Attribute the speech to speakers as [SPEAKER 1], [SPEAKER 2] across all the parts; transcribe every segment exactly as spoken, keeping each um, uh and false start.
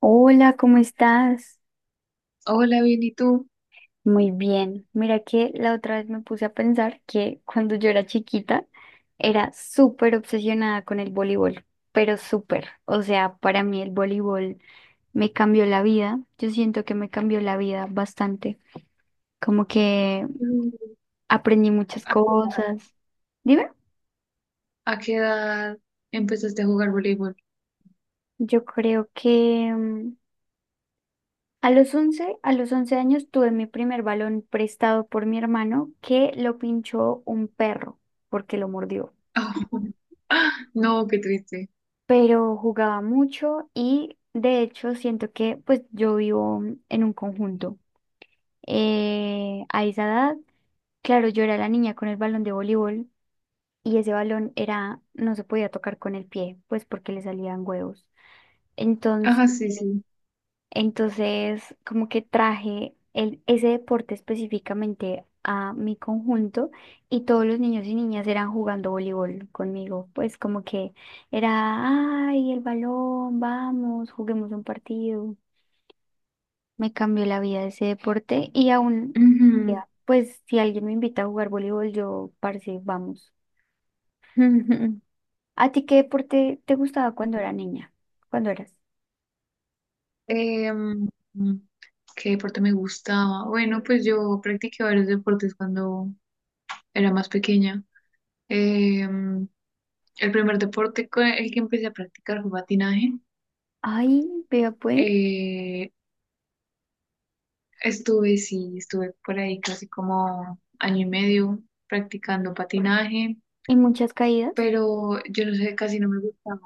[SPEAKER 1] Hola, ¿cómo estás?
[SPEAKER 2] Hola, bien, ¿y tú?
[SPEAKER 1] Muy bien. Mira que la otra vez me puse a pensar que cuando yo era chiquita era súper obsesionada con el voleibol, pero súper. O sea, para mí el voleibol me cambió la vida. Yo siento que me cambió la vida bastante. Como que
[SPEAKER 2] Mm,
[SPEAKER 1] aprendí muchas
[SPEAKER 2] ¿A qué edad,
[SPEAKER 1] cosas. Dime,
[SPEAKER 2] a qué edad empezaste a jugar voleibol?
[SPEAKER 1] yo creo que mm, a los once, a los once años tuve mi primer balón prestado por mi hermano que lo pinchó un perro porque lo mordió.
[SPEAKER 2] No, qué triste.
[SPEAKER 1] Pero jugaba mucho y de hecho siento que pues yo vivo en un conjunto. Eh, a esa edad, claro, yo era la niña con el balón de voleibol y ese balón era, no se podía tocar con el pie, pues porque le salían huevos. Entonces.
[SPEAKER 2] Ajá, sí, sí.
[SPEAKER 1] Entonces, como que traje el, ese deporte específicamente a mi conjunto y todos los niños y niñas eran jugando voleibol conmigo. Pues como que era, ay, el balón, vamos, juguemos un partido. Me cambió la vida ese deporte y aún,
[SPEAKER 2] Ujú.
[SPEAKER 1] ya, pues si alguien me invita a jugar voleibol, yo, parce, vamos. ¿A ti qué deporte te gustaba cuando era niña? ¿Cuando eras?
[SPEAKER 2] Em, ¿Qué deporte me gustaba? Bueno, pues yo practiqué varios deportes cuando era más pequeña. Em, el primer deporte con el que empecé a practicar fue patinaje.
[SPEAKER 1] Ay, vea pues,
[SPEAKER 2] Eh, Estuve, sí, estuve por ahí casi como año y medio practicando patinaje.
[SPEAKER 1] y muchas caídas.
[SPEAKER 2] Pero yo no sé, casi no me gustaba.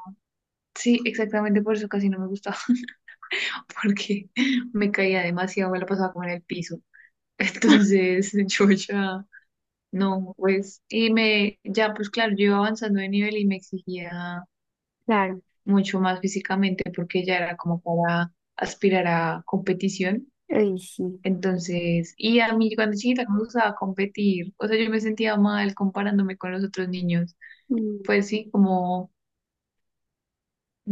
[SPEAKER 2] Sí, exactamente por eso casi no me gustaba, porque me caía demasiado, me la pasaba como en el piso. Entonces yo ya, no, pues, y me, ya pues claro, yo iba avanzando de nivel y me exigía
[SPEAKER 1] Claro.
[SPEAKER 2] mucho más físicamente porque ya era como para aspirar a competición.
[SPEAKER 1] Ay, sí.
[SPEAKER 2] Entonces, y a mí cuando chiquita me gustaba competir, o sea, yo me sentía mal comparándome con los otros niños.
[SPEAKER 1] Mm,
[SPEAKER 2] Pues sí, como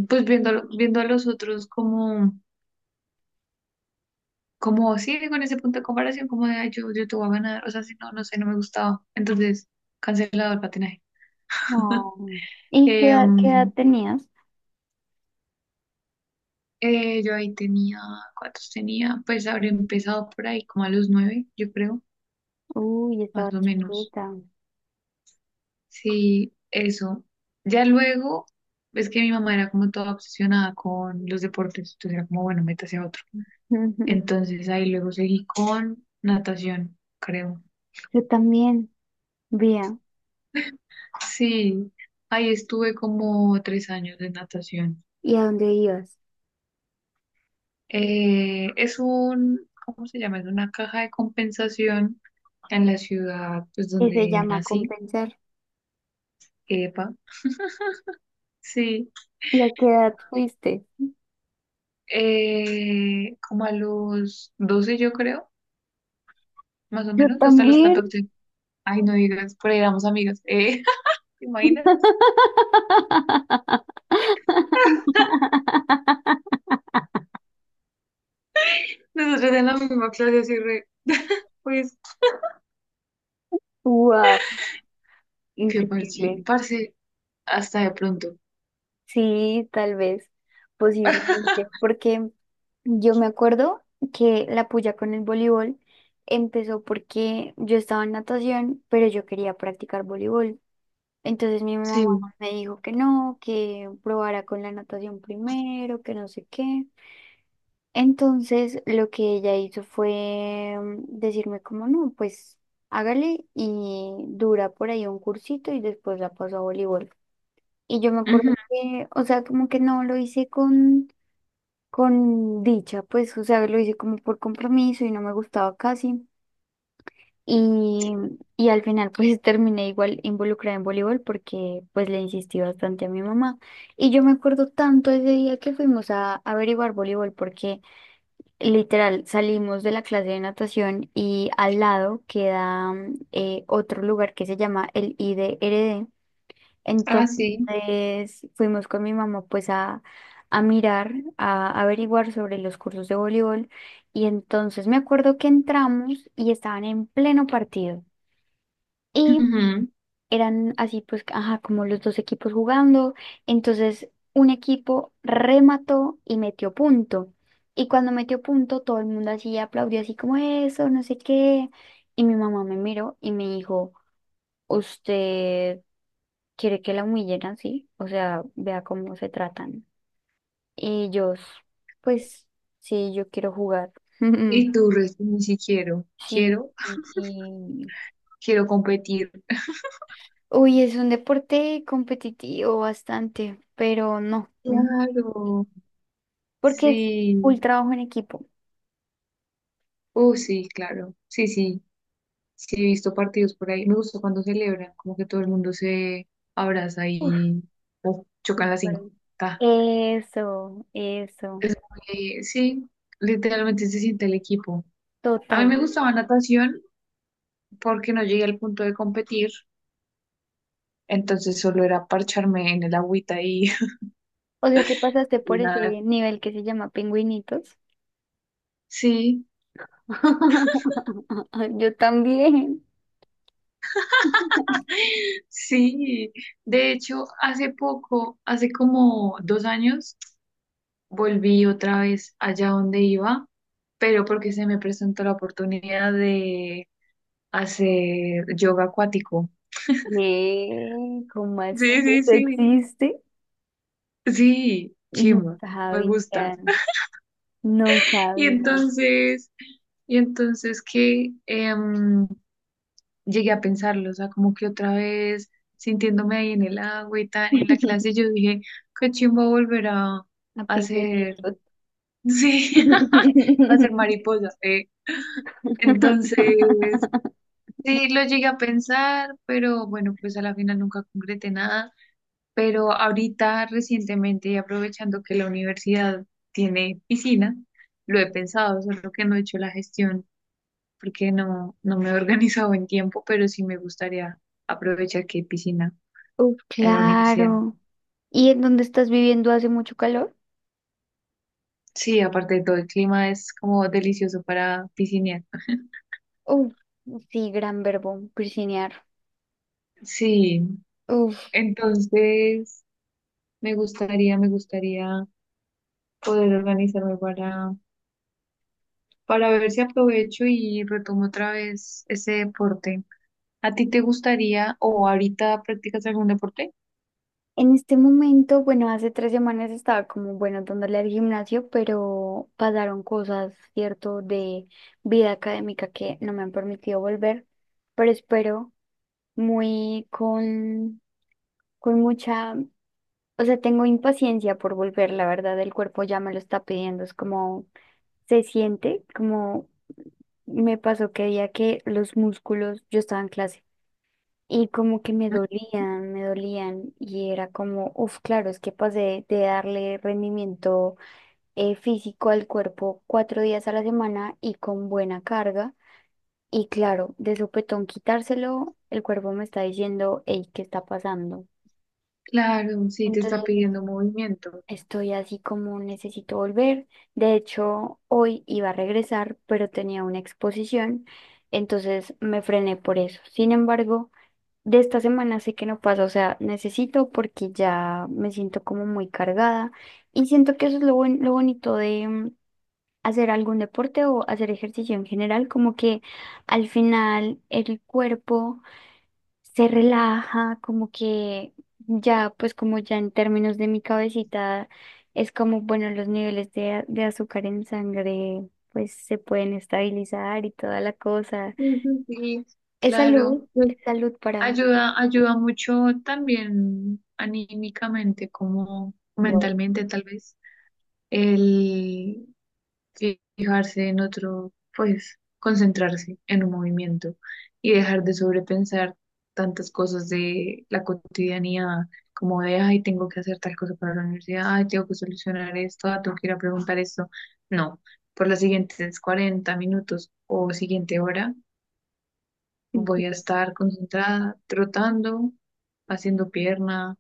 [SPEAKER 2] pues viendo, viendo a los otros como, como sí, con ese punto de comparación, como de, ay, yo, yo te voy a ganar, o sea, si no, no sé, no me gustaba. Entonces, cancelado el patinaje.
[SPEAKER 1] oh. ¿Y qué,
[SPEAKER 2] Eh,
[SPEAKER 1] edad- qué edad
[SPEAKER 2] um,
[SPEAKER 1] tenías?
[SPEAKER 2] eh, yo ahí tenía, ¿cuántos tenía? Pues habría empezado por ahí, como a los nueve, yo creo,
[SPEAKER 1] Uy, yo
[SPEAKER 2] más
[SPEAKER 1] estaba
[SPEAKER 2] o menos.
[SPEAKER 1] chiquita.
[SPEAKER 2] Sí, eso. Ya luego, es que mi mamá era como toda obsesionada con los deportes, entonces era como, bueno, métase a otro.
[SPEAKER 1] Ujú.
[SPEAKER 2] Entonces ahí luego seguí con natación, creo.
[SPEAKER 1] Yo también, vea.
[SPEAKER 2] Sí, ahí estuve como tres años de natación.
[SPEAKER 1] ¿Y a dónde ibas?
[SPEAKER 2] Eh, es un, ¿cómo se llama? Es una caja de compensación en la ciudad, pues
[SPEAKER 1] Que se
[SPEAKER 2] donde
[SPEAKER 1] llama
[SPEAKER 2] nací.
[SPEAKER 1] compensar.
[SPEAKER 2] Epa. Sí,
[SPEAKER 1] ¿Y a qué edad fuiste?
[SPEAKER 2] eh, como a los doce yo creo, más o
[SPEAKER 1] Yo
[SPEAKER 2] menos, hasta los
[SPEAKER 1] también.
[SPEAKER 2] catorce. Ay, no digas, por ahí éramos amigas. Eh, ¿te imaginas? Nosotros en la misma clase así re, pues,
[SPEAKER 1] Wow,
[SPEAKER 2] qué parche,
[SPEAKER 1] increíble.
[SPEAKER 2] parce, hasta de pronto.
[SPEAKER 1] Sí, tal vez, posiblemente, porque yo me acuerdo que la puya con el voleibol empezó porque yo estaba en natación, pero yo quería practicar voleibol. Entonces mi mamá
[SPEAKER 2] Sí.
[SPEAKER 1] me dijo que no, que probara con la natación primero, que no sé qué. Entonces lo que ella hizo fue mm, decirme como no, pues hágale y dura por ahí un cursito y después la paso a voleibol. Y yo me
[SPEAKER 2] Ujú.
[SPEAKER 1] acuerdo que, o sea, como que no lo hice con con dicha, pues, o sea, lo hice como por compromiso y no me gustaba casi. Y, y al final, pues, terminé igual involucrada en voleibol porque, pues, le insistí bastante a mi mamá. Y yo me acuerdo tanto ese día que fuimos a averiguar voleibol porque, literal, salimos de la clase de natación y al lado queda mm, eh, otro lugar que se llama el I D R D.
[SPEAKER 2] Ah, sí.
[SPEAKER 1] Entonces fuimos con mi mamá pues a, a mirar, a averiguar sobre los cursos de voleibol y entonces me acuerdo que entramos y estaban en pleno partido y
[SPEAKER 2] Ujú.
[SPEAKER 1] eran así pues, ajá, como los dos equipos jugando. Entonces un equipo remató y metió punto. Y cuando metió punto todo el mundo así aplaudió así como eso, no sé qué. Y mi mamá me miró y me dijo, ¿usted quiere que la humillen así? O sea, vea cómo se tratan. Y ellos, pues, sí, yo quiero jugar.
[SPEAKER 2] Y tú, Res, ni si quiero,
[SPEAKER 1] Sí,
[SPEAKER 2] quiero,
[SPEAKER 1] y, y-
[SPEAKER 2] quiero, competir.
[SPEAKER 1] uy, es un deporte competitivo bastante, pero no, mm,
[SPEAKER 2] Claro,
[SPEAKER 1] porque es
[SPEAKER 2] sí,
[SPEAKER 1] un trabajo en equipo.
[SPEAKER 2] oh sí, claro, sí, sí, sí, he visto partidos por ahí. Me gusta cuando celebran, como que todo el mundo se abraza
[SPEAKER 1] Uf,
[SPEAKER 2] y oh, chocan las
[SPEAKER 1] súper.
[SPEAKER 2] cinco. Ta.
[SPEAKER 1] Eso, eso,
[SPEAKER 2] Es muy- sí, literalmente se siente el equipo. A mí
[SPEAKER 1] total.
[SPEAKER 2] me gustaba natación porque no llegué al punto de competir, entonces solo era parcharme en el agüita y,
[SPEAKER 1] O sea que pasaste
[SPEAKER 2] y
[SPEAKER 1] por
[SPEAKER 2] nada.
[SPEAKER 1] ese nivel que se llama pingüinitos.
[SPEAKER 2] Sí.
[SPEAKER 1] Yo también.
[SPEAKER 2] Sí, de hecho, hace poco, hace como dos años, volví otra vez allá donde iba, pero porque se me presentó la oportunidad de hacer yoga acuático.
[SPEAKER 1] ¿Qué? ¿Cómo así?
[SPEAKER 2] Sí, sí,
[SPEAKER 1] ¿Eso
[SPEAKER 2] sí.
[SPEAKER 1] existe?
[SPEAKER 2] Sí,
[SPEAKER 1] No
[SPEAKER 2] chimba, me gusta.
[SPEAKER 1] sabía, no
[SPEAKER 2] Y
[SPEAKER 1] sabía.
[SPEAKER 2] entonces, y entonces que em, llegué a pensarlo, o sea, como que otra vez sintiéndome ahí en el agua y tal, y en la clase, yo dije, qué chimba volver a
[SPEAKER 1] A
[SPEAKER 2] hacer.
[SPEAKER 1] pingüinitos.
[SPEAKER 2] Sí, hacer mariposa. eh. Entonces, sí, lo llegué a pensar, pero bueno, pues a la final nunca concreté nada. Pero ahorita, recientemente, y aprovechando que la universidad tiene piscina, lo he pensado, solo que no he hecho la gestión porque no, no me he organizado en tiempo, pero sí me gustaría aprovechar que hay piscina
[SPEAKER 1] Uf,
[SPEAKER 2] en la universidad.
[SPEAKER 1] claro. ¿Y en dónde estás viviendo hace mucho calor?
[SPEAKER 2] Sí, aparte de todo, el clima es como delicioso para piscinear.
[SPEAKER 1] Uf, sí, gran verbo, piscinear.
[SPEAKER 2] Sí,
[SPEAKER 1] Uf,
[SPEAKER 2] entonces... Me gustaría, me gustaría poder organizarme para, para ver si aprovecho y retomo otra vez ese deporte. ¿A ti te gustaría o ahorita practicas algún deporte?
[SPEAKER 1] en este momento, bueno, hace tres semanas estaba como, bueno, dándole al gimnasio, pero pasaron cosas, ¿cierto?, de vida académica que no me han permitido volver, pero espero muy con, con mucha, o sea, tengo impaciencia por volver, la verdad, el cuerpo ya me lo está pidiendo, es como, se siente, como me pasó que día que los músculos, yo estaba en clase y como que me
[SPEAKER 2] ¿Mm?
[SPEAKER 1] dolían, me dolían y era como, uff, claro, es que pasé de darle rendimiento eh, físico al cuerpo cuatro días a la semana y con buena carga. Y claro, de sopetón quitárselo, el cuerpo me está diciendo, hey, ¿qué está pasando?
[SPEAKER 2] Claro, sí, te está
[SPEAKER 1] Entonces
[SPEAKER 2] pidiendo movimiento.
[SPEAKER 1] estoy así como necesito volver. De hecho, hoy iba a regresar, pero tenía una exposición, entonces me frené por eso. Sin embargo... de esta semana sé que no pasa, o sea, necesito porque ya me siento como muy cargada y siento que eso es lo, buen- lo bonito de mm, hacer algún deporte o hacer ejercicio en general, como que al final el cuerpo se relaja, como que ya, pues como ya en términos de mi cabecita, es como, bueno, los niveles de, a- de azúcar en sangre pues se pueden estabilizar y toda la cosa.
[SPEAKER 2] Ujú, sí,
[SPEAKER 1] Es salud,
[SPEAKER 2] claro. Pues,
[SPEAKER 1] es salud para...
[SPEAKER 2] ayuda, ayuda mucho también anímicamente como
[SPEAKER 1] Wow.
[SPEAKER 2] mentalmente tal vez. Fijarse en otro, pues concentrarse en un movimiento y dejar de sobrepensar tantas cosas de la cotidianidad, como de, ay, tengo que hacer tal cosa para la universidad, ay, tengo que solucionar esto, ah, tengo que ir a preguntar esto. No, por las siguientes cuarenta minutos o siguiente hora voy a estar concentrada, trotando, haciendo pierna,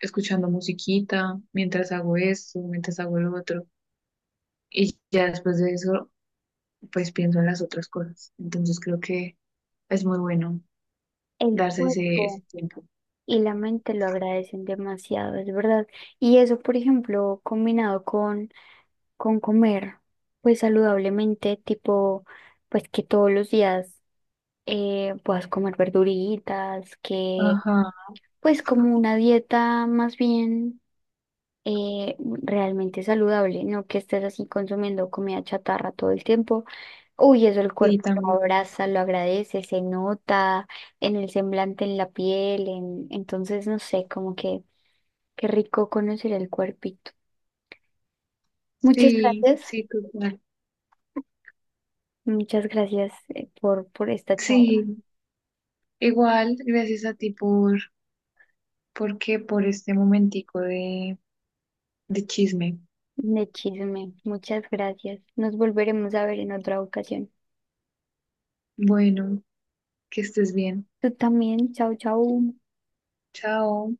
[SPEAKER 2] escuchando musiquita, mientras hago esto, mientras hago lo otro. Y ya después de eso pues pienso en las otras cosas. Entonces creo que es muy bueno
[SPEAKER 1] El
[SPEAKER 2] darse ese, ese
[SPEAKER 1] cuerpo
[SPEAKER 2] tiempo.
[SPEAKER 1] y la mente lo agradecen demasiado, es verdad. Y eso, por ejemplo, combinado con, con comer, pues saludablemente, tipo, pues que todos los días eh, puedas comer verduritas, que
[SPEAKER 2] Ajá,
[SPEAKER 1] pues como una dieta más bien eh, realmente saludable, no que estés así consumiendo comida chatarra todo el tiempo. Uy, eso el
[SPEAKER 2] sí
[SPEAKER 1] cuerpo lo
[SPEAKER 2] también.
[SPEAKER 1] abraza, lo agradece, se nota en el semblante, en la piel, en... entonces no sé, como que qué rico conocer el cuerpito. Muchas
[SPEAKER 2] Sí,
[SPEAKER 1] gracias,
[SPEAKER 2] sí, total.
[SPEAKER 1] muchas gracias eh, por, por esta charla
[SPEAKER 2] Sí, igual, gracias a ti por, porque por este momentico de, de chisme.
[SPEAKER 1] de chisme, muchas gracias. Nos volveremos a ver en otra ocasión.
[SPEAKER 2] Bueno, que estés bien.
[SPEAKER 1] Tú también, chao, chao.
[SPEAKER 2] Chao.